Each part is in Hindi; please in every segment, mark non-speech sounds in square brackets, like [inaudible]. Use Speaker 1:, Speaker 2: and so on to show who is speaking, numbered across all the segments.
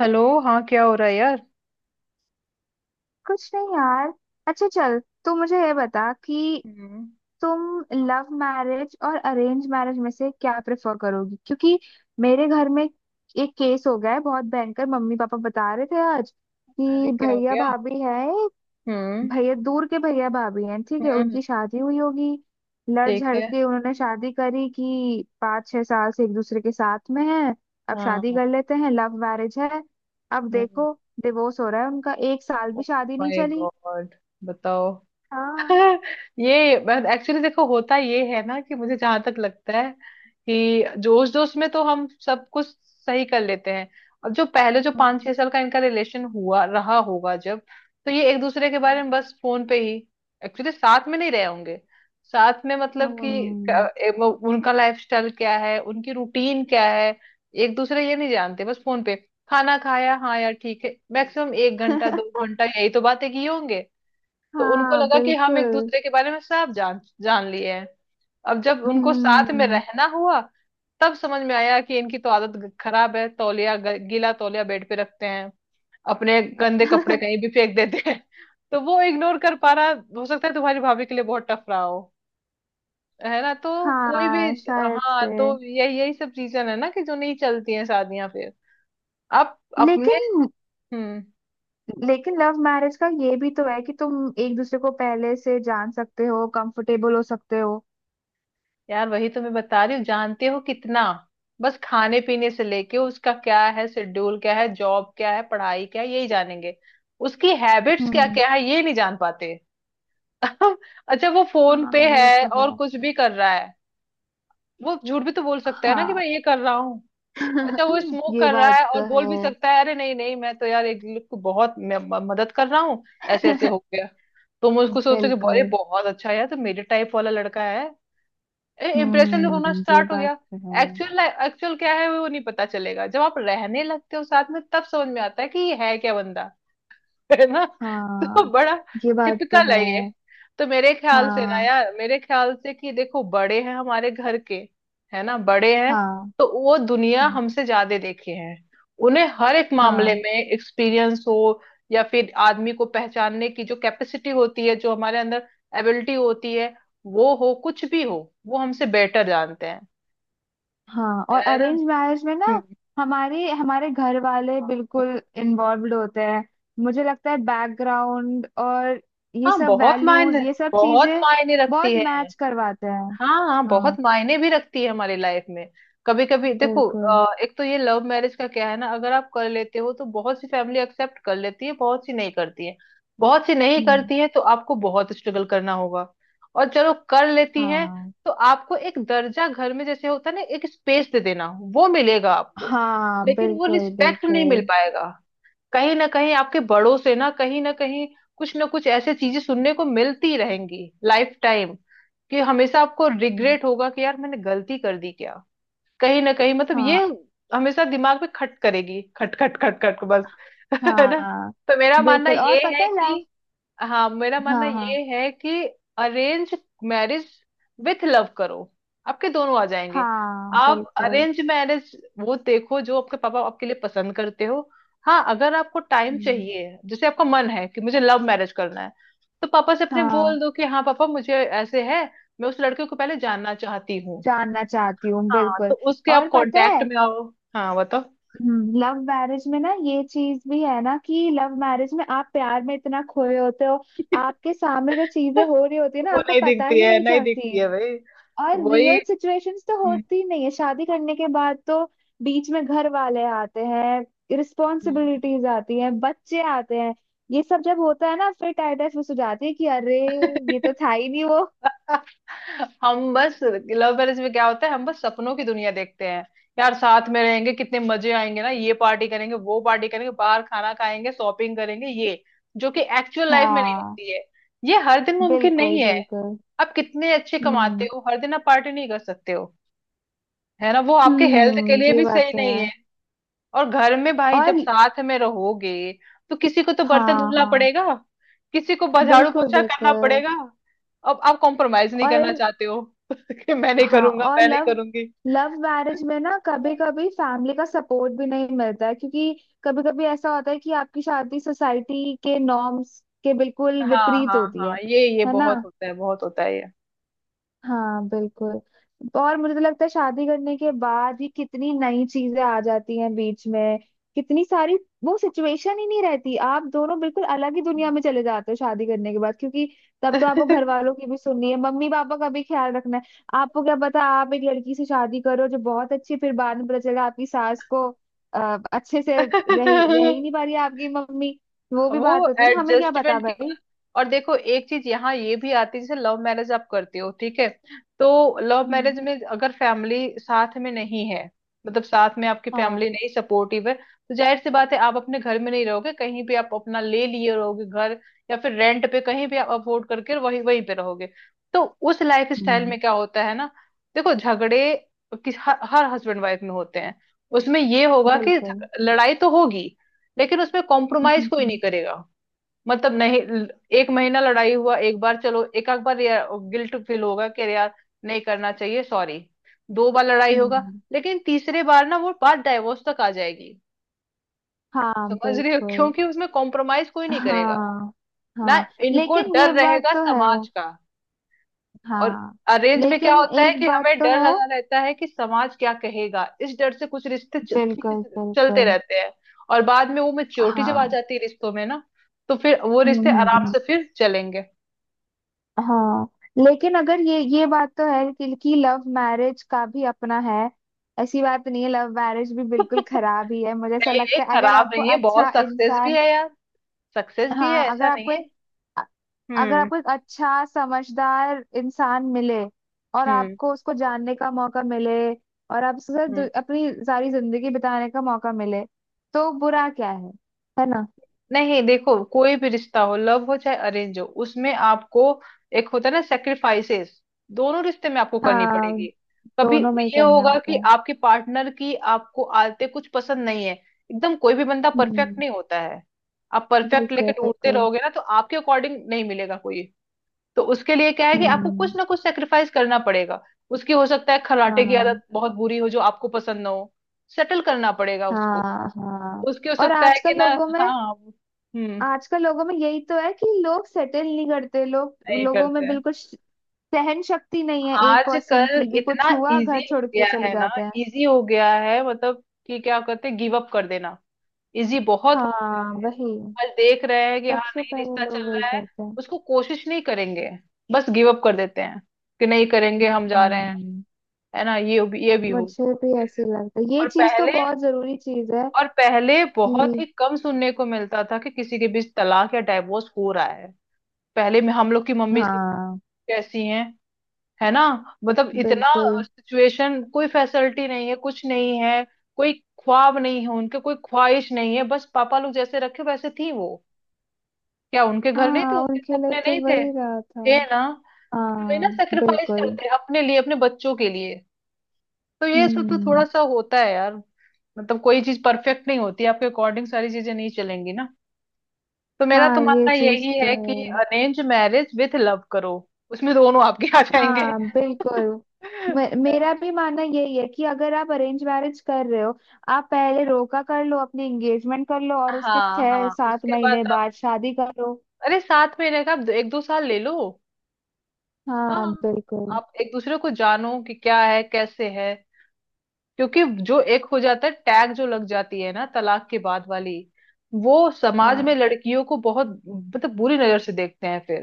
Speaker 1: हेलो। हाँ, क्या हो रहा है यार?
Speaker 2: कुछ नहीं यार। अच्छा चल, तो मुझे ये बता कि
Speaker 1: हम्म।
Speaker 2: तुम लव मैरिज और अरेंज मैरिज में से क्या प्रेफर करोगी क्योंकि मेरे घर में एक केस हो गया है बहुत भयंकर। मम्मी पापा बता रहे थे आज
Speaker 1: अरे
Speaker 2: कि
Speaker 1: क्या हो
Speaker 2: भैया
Speaker 1: गया?
Speaker 2: भाभी है।
Speaker 1: हम्म।
Speaker 2: भैया दूर के भैया भाभी हैं, ठीक है।
Speaker 1: हम्म।
Speaker 2: उनकी शादी हुई होगी, लड़
Speaker 1: ठीक
Speaker 2: झड़
Speaker 1: है।
Speaker 2: के उन्होंने शादी करी कि 5-6 साल से एक दूसरे के साथ में हैं। अब शादी
Speaker 1: हाँ।
Speaker 2: कर लेते हैं, लव मैरिज है। अब
Speaker 1: हम्म।
Speaker 2: देखो, डिवोर्स हो रहा है उनका, एक साल
Speaker 1: ओ
Speaker 2: भी शादी नहीं
Speaker 1: माय
Speaker 2: चली।
Speaker 1: गॉड! बताओ।
Speaker 2: हाँ।
Speaker 1: हाँ, ये एक्चुअली देखो होता ये है ना कि मुझे जहां तक लगता है कि जोश जोश में तो हम सब कुछ सही कर लेते हैं। और जो पहले जो
Speaker 2: हम्म।
Speaker 1: 5 6 साल का इनका रिलेशन हुआ रहा होगा जब, तो ये एक दूसरे के बारे में बस फोन पे ही एक्चुअली साथ में नहीं रहे होंगे। साथ में मतलब कि
Speaker 2: हम्म।
Speaker 1: उनका लाइफस्टाइल क्या है, उनकी रूटीन क्या है, एक दूसरे ये नहीं जानते। बस फोन पे खाना खाया, हाँ यार ठीक है, मैक्सिमम एक घंटा दो
Speaker 2: [laughs]
Speaker 1: घंटा यही तो बातें किए होंगे। तो उनको
Speaker 2: हाँ
Speaker 1: लगा कि हम एक
Speaker 2: बिल्कुल।
Speaker 1: दूसरे के बारे में सब जान जान लिए हैं। अब जब उनको साथ में
Speaker 2: हम्म।
Speaker 1: रहना हुआ तब समझ में आया कि इनकी तो आदत खराब है। तौलिया, गीला तौलिया बेड पे रखते हैं, अपने गंदे कपड़े कहीं भी
Speaker 2: [laughs]
Speaker 1: फेंक देते हैं। [laughs] तो वो इग्नोर कर पा रहा। हो सकता है तुम्हारी भाभी के लिए बहुत टफ रहा हो। है ना? तो कोई भी।
Speaker 2: हाँ शायद
Speaker 1: हाँ, तो
Speaker 2: से।
Speaker 1: यही यही सब चीजें है ना कि जो नहीं चलती हैं शादियां फिर। आप अपने।
Speaker 2: लेकिन
Speaker 1: हम्म।
Speaker 2: लेकिन लव मैरिज का ये भी तो है कि तुम एक दूसरे को पहले से जान सकते हो, कंफर्टेबल हो सकते हो।
Speaker 1: यार, वही तो मैं बता रही हूँ। जानते हो कितना? बस खाने पीने से लेके उसका क्या है, शेड्यूल क्या है, जॉब क्या है, पढ़ाई क्या है, यही जानेंगे। उसकी हैबिट्स क्या
Speaker 2: हम्म।
Speaker 1: क्या है ये नहीं जान पाते। [laughs] अच्छा वो फोन पे
Speaker 2: हाँ ये
Speaker 1: है
Speaker 2: तो है।
Speaker 1: और कुछ भी कर रहा है। वो झूठ भी तो बोल सकता है ना कि
Speaker 2: हाँ।
Speaker 1: मैं ये कर रहा हूँ। अच्छा वो
Speaker 2: [laughs]
Speaker 1: स्मोक
Speaker 2: ये
Speaker 1: कर रहा
Speaker 2: बात
Speaker 1: है और
Speaker 2: तो
Speaker 1: बोल भी
Speaker 2: है।
Speaker 1: सकता है अरे नहीं नहीं मैं तो यार एक लोग को बहुत, मैं मदद कर रहा हूँ। ऐसे ऐसे हो
Speaker 2: [laughs]
Speaker 1: गया। तुम उसको सोचो कि अरे
Speaker 2: बिल्कुल।
Speaker 1: बहुत अच्छा है यार, तो मेरे टाइप वाला लड़का है। इम्प्रेशन होना
Speaker 2: ये
Speaker 1: स्टार्ट हो
Speaker 2: बात
Speaker 1: गया।
Speaker 2: तो है।
Speaker 1: एक्चुअल एक्चुअल क्या है वो नहीं पता चलेगा। जब आप रहने लगते हो साथ में तब समझ में आता है कि ये है क्या बंदा। है ना? [laughs] तो
Speaker 2: हाँ
Speaker 1: बड़ा
Speaker 2: ये बात तो
Speaker 1: टिपिकल
Speaker 2: है।
Speaker 1: है ये। तो मेरे ख्याल से ना
Speaker 2: हाँ,
Speaker 1: यार, मेरे ख्याल से कि देखो, बड़े हैं हमारे घर के। है ना? बड़े हैं।
Speaker 2: हाँ,
Speaker 1: तो वो दुनिया हमसे ज्यादा देखे हैं। उन्हें हर एक मामले
Speaker 2: हाँ,
Speaker 1: में एक्सपीरियंस हो, या फिर आदमी को पहचानने की जो कैपेसिटी होती है जो हमारे अंदर एबिलिटी होती है, वो हो कुछ भी हो, वो हमसे बेटर जानते हैं।
Speaker 2: हाँ। और
Speaker 1: है ना?
Speaker 2: अरेंज मैरिज में ना
Speaker 1: हम्म।
Speaker 2: हमारे हमारे घर वाले
Speaker 1: हम्म।
Speaker 2: बिल्कुल इन्वॉल्व्ड होते हैं। मुझे लगता है बैकग्राउंड और ये
Speaker 1: हाँ,
Speaker 2: सब
Speaker 1: बहुत मायने,
Speaker 2: वैल्यूज ये सब
Speaker 1: बहुत
Speaker 2: चीजें
Speaker 1: मायने रखती
Speaker 2: बहुत
Speaker 1: है।
Speaker 2: मैच करवाते हैं।
Speaker 1: हाँ हाँ, बहुत
Speaker 2: हाँ
Speaker 1: मायने भी रखती है हमारी लाइफ में। कभी कभी देखो,
Speaker 2: बिल्कुल।
Speaker 1: एक तो ये लव मैरिज का क्या है ना, अगर आप कर लेते हो तो बहुत सी फैमिली एक्सेप्ट कर लेती है, बहुत सी नहीं करती है। बहुत सी नहीं
Speaker 2: हम्म।
Speaker 1: करती है तो आपको बहुत स्ट्रगल करना होगा। और चलो, कर लेती है,
Speaker 2: हाँ,
Speaker 1: तो आपको एक दर्जा घर में जैसे होता है ना, एक स्पेस दे देना, वो मिलेगा आपको।
Speaker 2: हाँ
Speaker 1: लेकिन वो
Speaker 2: बिल्कुल
Speaker 1: रिस्पेक्ट नहीं मिल
Speaker 2: बिल्कुल।
Speaker 1: पाएगा। कहीं ना कहीं आपके बड़ों से ना, कहीं ना कहीं कुछ ना कुछ ऐसे चीजें सुनने को मिलती रहेंगी लाइफ टाइम, कि हमेशा आपको रिग्रेट होगा कि यार मैंने गलती कर दी क्या। कहीं ना कहीं मतलब, ये
Speaker 2: हाँ,
Speaker 1: हमेशा दिमाग में खट करेगी, खट खट खट खट बस। [laughs] है ना?
Speaker 2: हाँ
Speaker 1: तो मेरा मानना
Speaker 2: बिल्कुल। और
Speaker 1: ये
Speaker 2: पता
Speaker 1: है
Speaker 2: है
Speaker 1: कि,
Speaker 2: लव।
Speaker 1: हाँ, मेरा मानना
Speaker 2: हाँ, हाँ।
Speaker 1: ये है कि अरेंज मैरिज विथ लव करो, आपके दोनों आ जाएंगे।
Speaker 2: हाँ
Speaker 1: आप
Speaker 2: बिल्कुल।
Speaker 1: अरेंज मैरिज, वो देखो जो आपके पापा आपके लिए पसंद करते हो। हाँ, अगर आपको टाइम
Speaker 2: हम्म।
Speaker 1: चाहिए, जैसे आपका मन है कि मुझे लव मैरिज करना है, तो पापा से अपने बोल
Speaker 2: हाँ
Speaker 1: दो कि हाँ पापा मुझे ऐसे है, मैं उस लड़के को पहले जानना चाहती हूँ।
Speaker 2: जानना चाहती हूँ
Speaker 1: हाँ, तो
Speaker 2: बिल्कुल।
Speaker 1: उसके आप
Speaker 2: और पता
Speaker 1: कांटेक्ट
Speaker 2: है
Speaker 1: में आओ। हाँ, बताओ।
Speaker 2: लव मैरिज में ना ये चीज भी है ना कि लव मैरिज में आप प्यार में इतना खोए होते हो,
Speaker 1: [laughs]
Speaker 2: आपके सामने जो चीजें हो रही होती है ना
Speaker 1: वो
Speaker 2: आपको
Speaker 1: नहीं
Speaker 2: पता
Speaker 1: दिखती
Speaker 2: ही
Speaker 1: है,
Speaker 2: नहीं
Speaker 1: नहीं
Speaker 2: चलती।
Speaker 1: दिखती है भाई।
Speaker 2: और
Speaker 1: वही।
Speaker 2: रियल सिचुएशंस तो
Speaker 1: हम्म।
Speaker 2: होती ही नहीं है शादी करने के बाद तो। बीच में घर वाले आते हैं,
Speaker 1: हम्म।
Speaker 2: रिस्पॉन्सिबिलिटीज आती हैं, बच्चे आते हैं। ये सब जब होता है ना फिर टाइटस हो जाती है कि अरे ये तो
Speaker 1: [laughs]
Speaker 2: था ही नहीं वो।
Speaker 1: हम बस लव मैरिज में क्या होता है, हम बस सपनों की दुनिया देखते हैं। यार साथ में रहेंगे, कितने मजे आएंगे ना, ये पार्टी करेंगे, वो पार्टी करेंगे, बाहर खाना खाएंगे, शॉपिंग करेंगे, ये, जो कि एक्चुअल लाइफ में नहीं
Speaker 2: हाँ
Speaker 1: होती है। ये हर दिन मुमकिन नहीं
Speaker 2: बिल्कुल
Speaker 1: है।
Speaker 2: बिल्कुल।
Speaker 1: आप कितने अच्छे कमाते
Speaker 2: हम्म।
Speaker 1: हो, हर दिन आप पार्टी नहीं कर सकते हो। है ना? वो आपके हेल्थ के लिए
Speaker 2: ये
Speaker 1: भी
Speaker 2: बात
Speaker 1: सही
Speaker 2: तो है।
Speaker 1: नहीं। और घर में भाई जब
Speaker 2: और।
Speaker 1: साथ में रहोगे तो किसी को तो बर्तन
Speaker 2: हाँ,
Speaker 1: धुलना
Speaker 2: हाँ
Speaker 1: पड़ेगा, किसी को झाड़ू
Speaker 2: बिल्कुल
Speaker 1: पोछा करना
Speaker 2: बिल्कुल।
Speaker 1: पड़ेगा। अब आप कॉम्प्रोमाइज नहीं करना
Speaker 2: और।
Speaker 1: चाहते हो [laughs] कि मैं नहीं
Speaker 2: हाँ।
Speaker 1: करूंगा,
Speaker 2: और
Speaker 1: मैं नहीं
Speaker 2: लव
Speaker 1: करूंगी।
Speaker 2: लव मैरिज में ना कभी कभी फैमिली का सपोर्ट भी नहीं मिलता है क्योंकि कभी कभी ऐसा होता है कि आपकी शादी सोसाइटी के नॉर्म्स के बिल्कुल
Speaker 1: हाँ
Speaker 2: विपरीत
Speaker 1: हाँ
Speaker 2: होती है
Speaker 1: हाँ, ये
Speaker 2: है ना।
Speaker 1: बहुत होता है, बहुत होता है।
Speaker 2: हाँ बिल्कुल। और मुझे तो लगता है शादी करने के बाद ही कितनी नई चीजें आ जाती हैं बीच में, कितनी सारी। वो सिचुएशन ही नहीं रहती, आप दोनों बिल्कुल अलग ही दुनिया में चले जाते हो शादी करने के बाद क्योंकि तब तो आपको घर वालों की भी सुननी है, मम्मी पापा का भी ख्याल रखना है। आपको क्या पता, आप एक लड़की से शादी करो जो बहुत अच्छी है, फिर बाद में पता चला आपकी सास को अच्छे
Speaker 1: ये।
Speaker 2: से रही रह ही
Speaker 1: [laughs]
Speaker 2: नहीं पा रही है आपकी मम्मी। वो भी
Speaker 1: वो
Speaker 2: बात होती है ना, हमें क्या पता
Speaker 1: एडजस्टमेंट की बात।
Speaker 2: भाई।
Speaker 1: और देखो, एक चीज यहाँ ये भी आती है, जैसे लव मैरिज आप करते हो, ठीक है, तो लव
Speaker 2: हम्म।
Speaker 1: मैरिज में अगर फैमिली साथ में नहीं है, मतलब साथ में आपकी
Speaker 2: हाँ।
Speaker 1: फैमिली नहीं सपोर्टिव है, तो जाहिर सी बात है आप अपने घर में नहीं रहोगे, कहीं भी आप अपना ले लिए रहोगे घर, या फिर रेंट पे कहीं भी आप अफोर्ड करके वही वहीं पे रहोगे। तो उस लाइफ स्टाइल
Speaker 2: हम्म।
Speaker 1: में क्या होता है ना, देखो झगड़े हर हस्बैंड वाइफ में होते हैं। उसमें ये होगा कि
Speaker 2: बिल्कुल।
Speaker 1: लड़ाई तो होगी, लेकिन उसमें कॉम्प्रोमाइज कोई नहीं
Speaker 2: [laughs]
Speaker 1: करेगा। मतलब नहीं। 1 महीना लड़ाई हुआ एक बार, चलो, एक आध बार गिल्ट फील होगा कि अरे यार, नहीं करना चाहिए, सॉरी। 2 बार लड़ाई होगा,
Speaker 2: हम्म।
Speaker 1: लेकिन तीसरे बार ना वो बात डाइवोर्स तक आ जाएगी।
Speaker 2: हाँ
Speaker 1: समझ रहे हो?
Speaker 2: बिल्कुल।
Speaker 1: क्योंकि उसमें कॉम्प्रोमाइज कोई नहीं करेगा
Speaker 2: हाँ,
Speaker 1: ना।
Speaker 2: हाँ।
Speaker 1: इनको
Speaker 2: लेकिन
Speaker 1: डर
Speaker 2: ये बात
Speaker 1: रहेगा
Speaker 2: तो है।
Speaker 1: समाज का। और
Speaker 2: हाँ।
Speaker 1: अरेंज में क्या
Speaker 2: लेकिन
Speaker 1: होता है
Speaker 2: एक
Speaker 1: कि
Speaker 2: बात
Speaker 1: हमें
Speaker 2: तो
Speaker 1: डर
Speaker 2: है,
Speaker 1: लगा रहता है कि समाज क्या कहेगा, इस डर से कुछ रिश्ते ठीक
Speaker 2: बिल्कुल
Speaker 1: से चलते
Speaker 2: बिल्कुल।
Speaker 1: रहते हैं। और बाद में वो मेच्योरिटी जब आ
Speaker 2: हाँ।
Speaker 1: जाती है रिश्तों में ना, तो फिर वो
Speaker 2: हम्म।
Speaker 1: रिश्ते
Speaker 2: हम्म।
Speaker 1: आराम
Speaker 2: हम्म।
Speaker 1: से फिर चलेंगे।
Speaker 2: हाँ। लेकिन अगर ये बात तो है कि लव मैरिज का भी अपना है। ऐसी बात नहीं है लव मैरिज भी बिल्कुल
Speaker 1: [laughs]
Speaker 2: खराब ही है, मुझे ऐसा
Speaker 1: नहीं नहीं,
Speaker 2: लगता है अगर
Speaker 1: खराब
Speaker 2: आपको
Speaker 1: नहीं है,
Speaker 2: अच्छा
Speaker 1: बहुत सक्सेस भी
Speaker 2: इंसान।
Speaker 1: है यार। सक्सेस भी है,
Speaker 2: हाँ अगर
Speaker 1: ऐसा नहीं
Speaker 2: आपको,
Speaker 1: है।
Speaker 2: अगर
Speaker 1: हम्म।
Speaker 2: आपको एक अच्छा समझदार इंसान मिले, और
Speaker 1: हम्म।
Speaker 2: आपको उसको जानने का मौका मिले, और आप उसके साथ
Speaker 1: हम्म।
Speaker 2: अपनी सारी जिंदगी बिताने का मौका मिले, तो बुरा क्या है ना।
Speaker 1: नहीं देखो, कोई भी रिश्ता हो, लव हो चाहे अरेंज हो, उसमें आपको एक होता है ना सेक्रीफाइसेस, दोनों रिश्ते में आपको करनी
Speaker 2: हाँ।
Speaker 1: पड़ेगी। कभी
Speaker 2: दोनों में ही
Speaker 1: ये
Speaker 2: करने
Speaker 1: होगा
Speaker 2: होते
Speaker 1: कि
Speaker 2: हैं।
Speaker 1: आपके पार्टनर की आपको आदतें कुछ पसंद नहीं है, एकदम कोई भी बंदा परफेक्ट
Speaker 2: हम्म।
Speaker 1: नहीं होता है। आप परफेक्ट लेके
Speaker 2: बिल्कुल
Speaker 1: ढूंढते
Speaker 2: बिल्कुल।
Speaker 1: रहोगे ना तो आपके अकॉर्डिंग नहीं मिलेगा कोई। तो उसके लिए क्या है कि आपको कुछ
Speaker 2: हम्म।
Speaker 1: ना कुछ सेक्रीफाइस करना पड़ेगा। उसकी हो सकता है खर्राटे की
Speaker 2: हाँ,
Speaker 1: आदत बहुत बुरी हो जो आपको पसंद ना हो, सेटल करना पड़ेगा उसको।
Speaker 2: हाँ, हाँ।
Speaker 1: उसकी हो
Speaker 2: और
Speaker 1: सकता है कि
Speaker 2: आजकल
Speaker 1: ना।
Speaker 2: लोगों में,
Speaker 1: हाँ। हम्म।
Speaker 2: आजकल लोगों में यही तो है कि लोग सेटल नहीं करते, लोग
Speaker 1: नहीं
Speaker 2: लोगों
Speaker 1: करते
Speaker 2: में
Speaker 1: हैं।
Speaker 2: बिल्कुल सहन शक्ति नहीं है 1%
Speaker 1: आजकल
Speaker 2: की भी,
Speaker 1: इतना
Speaker 2: कुछ हुआ
Speaker 1: इजी
Speaker 2: घर
Speaker 1: हो
Speaker 2: छोड़ के
Speaker 1: गया
Speaker 2: चले
Speaker 1: है ना,
Speaker 2: जाते हैं।
Speaker 1: इजी हो गया है मतलब कि क्या कहते हैं, गिव अप कर देना, इजी बहुत हो गया
Speaker 2: हाँ
Speaker 1: है।
Speaker 2: वही,
Speaker 1: आज देख रहे हैं कि हाँ
Speaker 2: सबसे
Speaker 1: नहीं,
Speaker 2: पहले
Speaker 1: रिश्ता चल
Speaker 2: लोग वही
Speaker 1: रहा है,
Speaker 2: करते हैं।
Speaker 1: उसको कोशिश नहीं करेंगे, बस गिव अप कर देते हैं कि नहीं करेंगे हम, जा रहे हैं।
Speaker 2: हम्म।
Speaker 1: है ना? ये भी, ये भी हो।
Speaker 2: मुझे भी ऐसे ही लगता है, ये
Speaker 1: और
Speaker 2: चीज तो
Speaker 1: पहले
Speaker 2: बहुत जरूरी चीज है।
Speaker 1: और पहले बहुत ही
Speaker 2: कि
Speaker 1: कम सुनने को मिलता था कि किसी के बीच तलाक या डाइवोर्स हो रहा है। पहले में हम लोग की मम्मी से
Speaker 2: हाँ
Speaker 1: कैसी हैं, है ना? मतलब इतना
Speaker 2: बिल्कुल।
Speaker 1: सिचुएशन, कोई फैसिलिटी नहीं है, कुछ नहीं है। कोई ख्वाब नहीं है उनके, कोई ख्वाहिश नहीं है, बस पापा लोग जैसे रखे वैसे थी वो। क्या उनके घर नहीं थे?
Speaker 2: हाँ
Speaker 1: उनके
Speaker 2: उनके लिए
Speaker 1: सपने
Speaker 2: तो
Speaker 1: नहीं थे?
Speaker 2: वही रहा था।
Speaker 1: थे ना। लेकिन वे ना
Speaker 2: हाँ
Speaker 1: सेक्रीफाइस
Speaker 2: बिल्कुल।
Speaker 1: करते हैं अपने लिए, अपने बच्चों के लिए। तो ये सब तो थोड़ा
Speaker 2: हम्म।
Speaker 1: सा होता है यार। मतलब कोई चीज परफेक्ट नहीं होती, आपके अकॉर्डिंग सारी चीजें नहीं चलेंगी ना। तो मेरा तो
Speaker 2: हाँ ये
Speaker 1: मानना
Speaker 2: चीज
Speaker 1: यही
Speaker 2: तो
Speaker 1: है कि
Speaker 2: है।
Speaker 1: अरेंज मैरिज विथ लव करो, उसमें दोनों आपके आ जाएंगे।
Speaker 2: हाँ बिल्कुल। मेरा भी मानना यही है कि अगर आप अरेंज मैरिज कर रहे हो, आप पहले रोका कर लो, अपनी एंगेजमेंट कर लो और उसके
Speaker 1: हाँ
Speaker 2: छह
Speaker 1: हाँ,
Speaker 2: सात
Speaker 1: उसके बाद
Speaker 2: महीने बाद शादी करो।
Speaker 1: अरे साथ में रहकर आप एक दो साल ले लो।
Speaker 2: हाँ
Speaker 1: हाँ।
Speaker 2: बिल्कुल।
Speaker 1: आप एक दूसरे को जानो कि क्या है कैसे है। क्योंकि जो एक हो जाता है टैग जो लग जाती है ना तलाक के बाद वाली, वो समाज में
Speaker 2: हाँ,
Speaker 1: लड़कियों को बहुत मतलब बुरी नजर से देखते हैं फिर।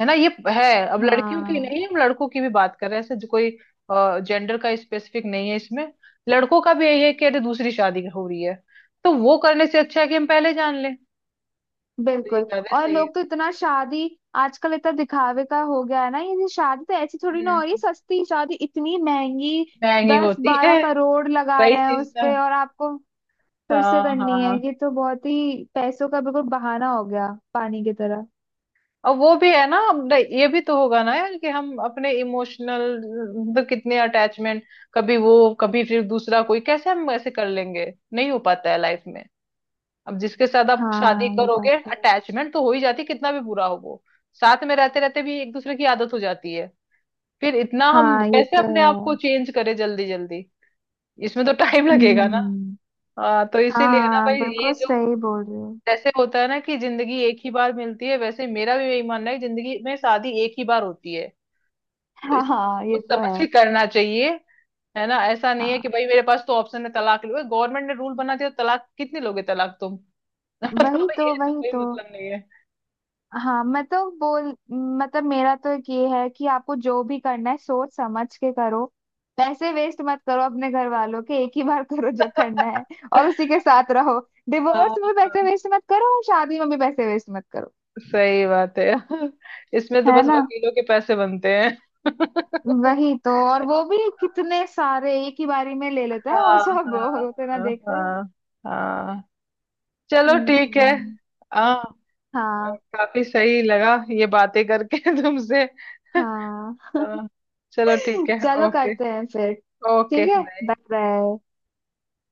Speaker 1: है ना? ये है। अब लड़कियों की
Speaker 2: हाँ
Speaker 1: नहीं, हम लड़कों की भी बात कर रहे हैं, ऐसे जो कोई जेंडर का स्पेसिफिक नहीं है इसमें। लड़कों का भी यही है कि अरे दूसरी शादी हो रही है, तो वो करने से अच्छा है कि हम पहले जान लें। तो ये
Speaker 2: बिल्कुल।
Speaker 1: ज्यादा
Speaker 2: और
Speaker 1: सही है।
Speaker 2: लोग तो इतना शादी, आजकल इतना दिखावे का हो गया है ना ये शादी तो, ऐसी थोड़ी ना
Speaker 1: हम्म।
Speaker 2: हो रही है सस्ती शादी, इतनी महंगी,
Speaker 1: महंगी
Speaker 2: दस
Speaker 1: होती
Speaker 2: बारह
Speaker 1: है।
Speaker 2: करोड़ लगा
Speaker 1: वही
Speaker 2: रहे हैं
Speaker 1: चीज
Speaker 2: उस
Speaker 1: ना।
Speaker 2: पे और आपको फिर से
Speaker 1: हाँ
Speaker 2: करनी है,
Speaker 1: हाँ।
Speaker 2: ये तो बहुत ही पैसों का बिल्कुल बहाना हो गया, पानी की तरह।
Speaker 1: और वो भी है ना, अब ये भी तो होगा ना यार कि हम अपने इमोशनल, मतलब कितने अटैचमेंट, कभी वो, कभी फिर दूसरा कोई, कैसे हम ऐसे कर लेंगे? नहीं हो पाता है लाइफ में। अब जिसके साथ आप शादी
Speaker 2: हाँ ये
Speaker 1: करोगे
Speaker 2: बात तो है।
Speaker 1: अटैचमेंट तो हो ही जाती है, कितना भी बुरा हो वो। साथ में रहते रहते भी एक दूसरे की आदत हो जाती है। फिर इतना हम
Speaker 2: हाँ ये
Speaker 1: कैसे
Speaker 2: तो
Speaker 1: अपने आप को
Speaker 2: है।
Speaker 1: चेंज करें जल्दी जल्दी? इसमें तो [laughs] टाइम लगेगा ना।
Speaker 2: हम्म।
Speaker 1: हाँ, तो इसीलिए ना
Speaker 2: हाँ
Speaker 1: भाई, ये
Speaker 2: बिल्कुल
Speaker 1: जो
Speaker 2: सही बोल रहे हो।
Speaker 1: जैसे होता है ना कि जिंदगी एक ही बार मिलती है, वैसे मेरा भी यही मानना है कि जिंदगी में शादी एक ही बार होती है, तो
Speaker 2: हाँ,
Speaker 1: इस
Speaker 2: हाँ ये
Speaker 1: सोच
Speaker 2: तो
Speaker 1: समझ के
Speaker 2: है।
Speaker 1: करना चाहिए। है ना? ऐसा नहीं है
Speaker 2: हाँ
Speaker 1: कि भाई मेरे पास तो ऑप्शन है, तलाक लो, गवर्नमेंट ने रूल बना दिया, तलाक कितने लोगे तलाक तुम? [laughs]
Speaker 2: वही
Speaker 1: मतलब
Speaker 2: तो,
Speaker 1: ये तो
Speaker 2: वही
Speaker 1: कोई
Speaker 2: तो।
Speaker 1: मतलब नहीं है।
Speaker 2: हाँ मैं तो बोल, मतलब मेरा तो एक ये है कि आपको जो भी करना है सोच समझ के करो, पैसे वेस्ट मत करो अपने घर वालों के, एक ही बार करो जो करना है
Speaker 1: [laughs]
Speaker 2: और उसी के साथ रहो। डिवोर्स
Speaker 1: हाँ,
Speaker 2: में पैसे
Speaker 1: हाँ,
Speaker 2: वेस्ट मत करो और शादी में भी पैसे वेस्ट मत करो।
Speaker 1: सही बात है। [laughs] इसमें तो
Speaker 2: है
Speaker 1: बस
Speaker 2: ना।
Speaker 1: वकीलों के पैसे बनते हैं। [laughs]
Speaker 2: वही तो, और वो भी कितने सारे एक ही बारी में ले लेते हैं
Speaker 1: हाँ
Speaker 2: और सब
Speaker 1: हाँ,
Speaker 2: होते ना
Speaker 1: हाँ
Speaker 2: देख रहे हैं।
Speaker 1: हाँ। हाँ। चलो ठीक है।
Speaker 2: हम्म।
Speaker 1: हाँ।
Speaker 2: हाँ,
Speaker 1: काफी सही लगा ये बातें करके [laughs] तुमसे।
Speaker 2: हाँ।
Speaker 1: अ, चलो ठीक
Speaker 2: [laughs]
Speaker 1: है।
Speaker 2: चलो
Speaker 1: ओके।
Speaker 2: करते हैं फिर।
Speaker 1: ओके,
Speaker 2: ठीक है,
Speaker 1: बाय।
Speaker 2: Bye bye.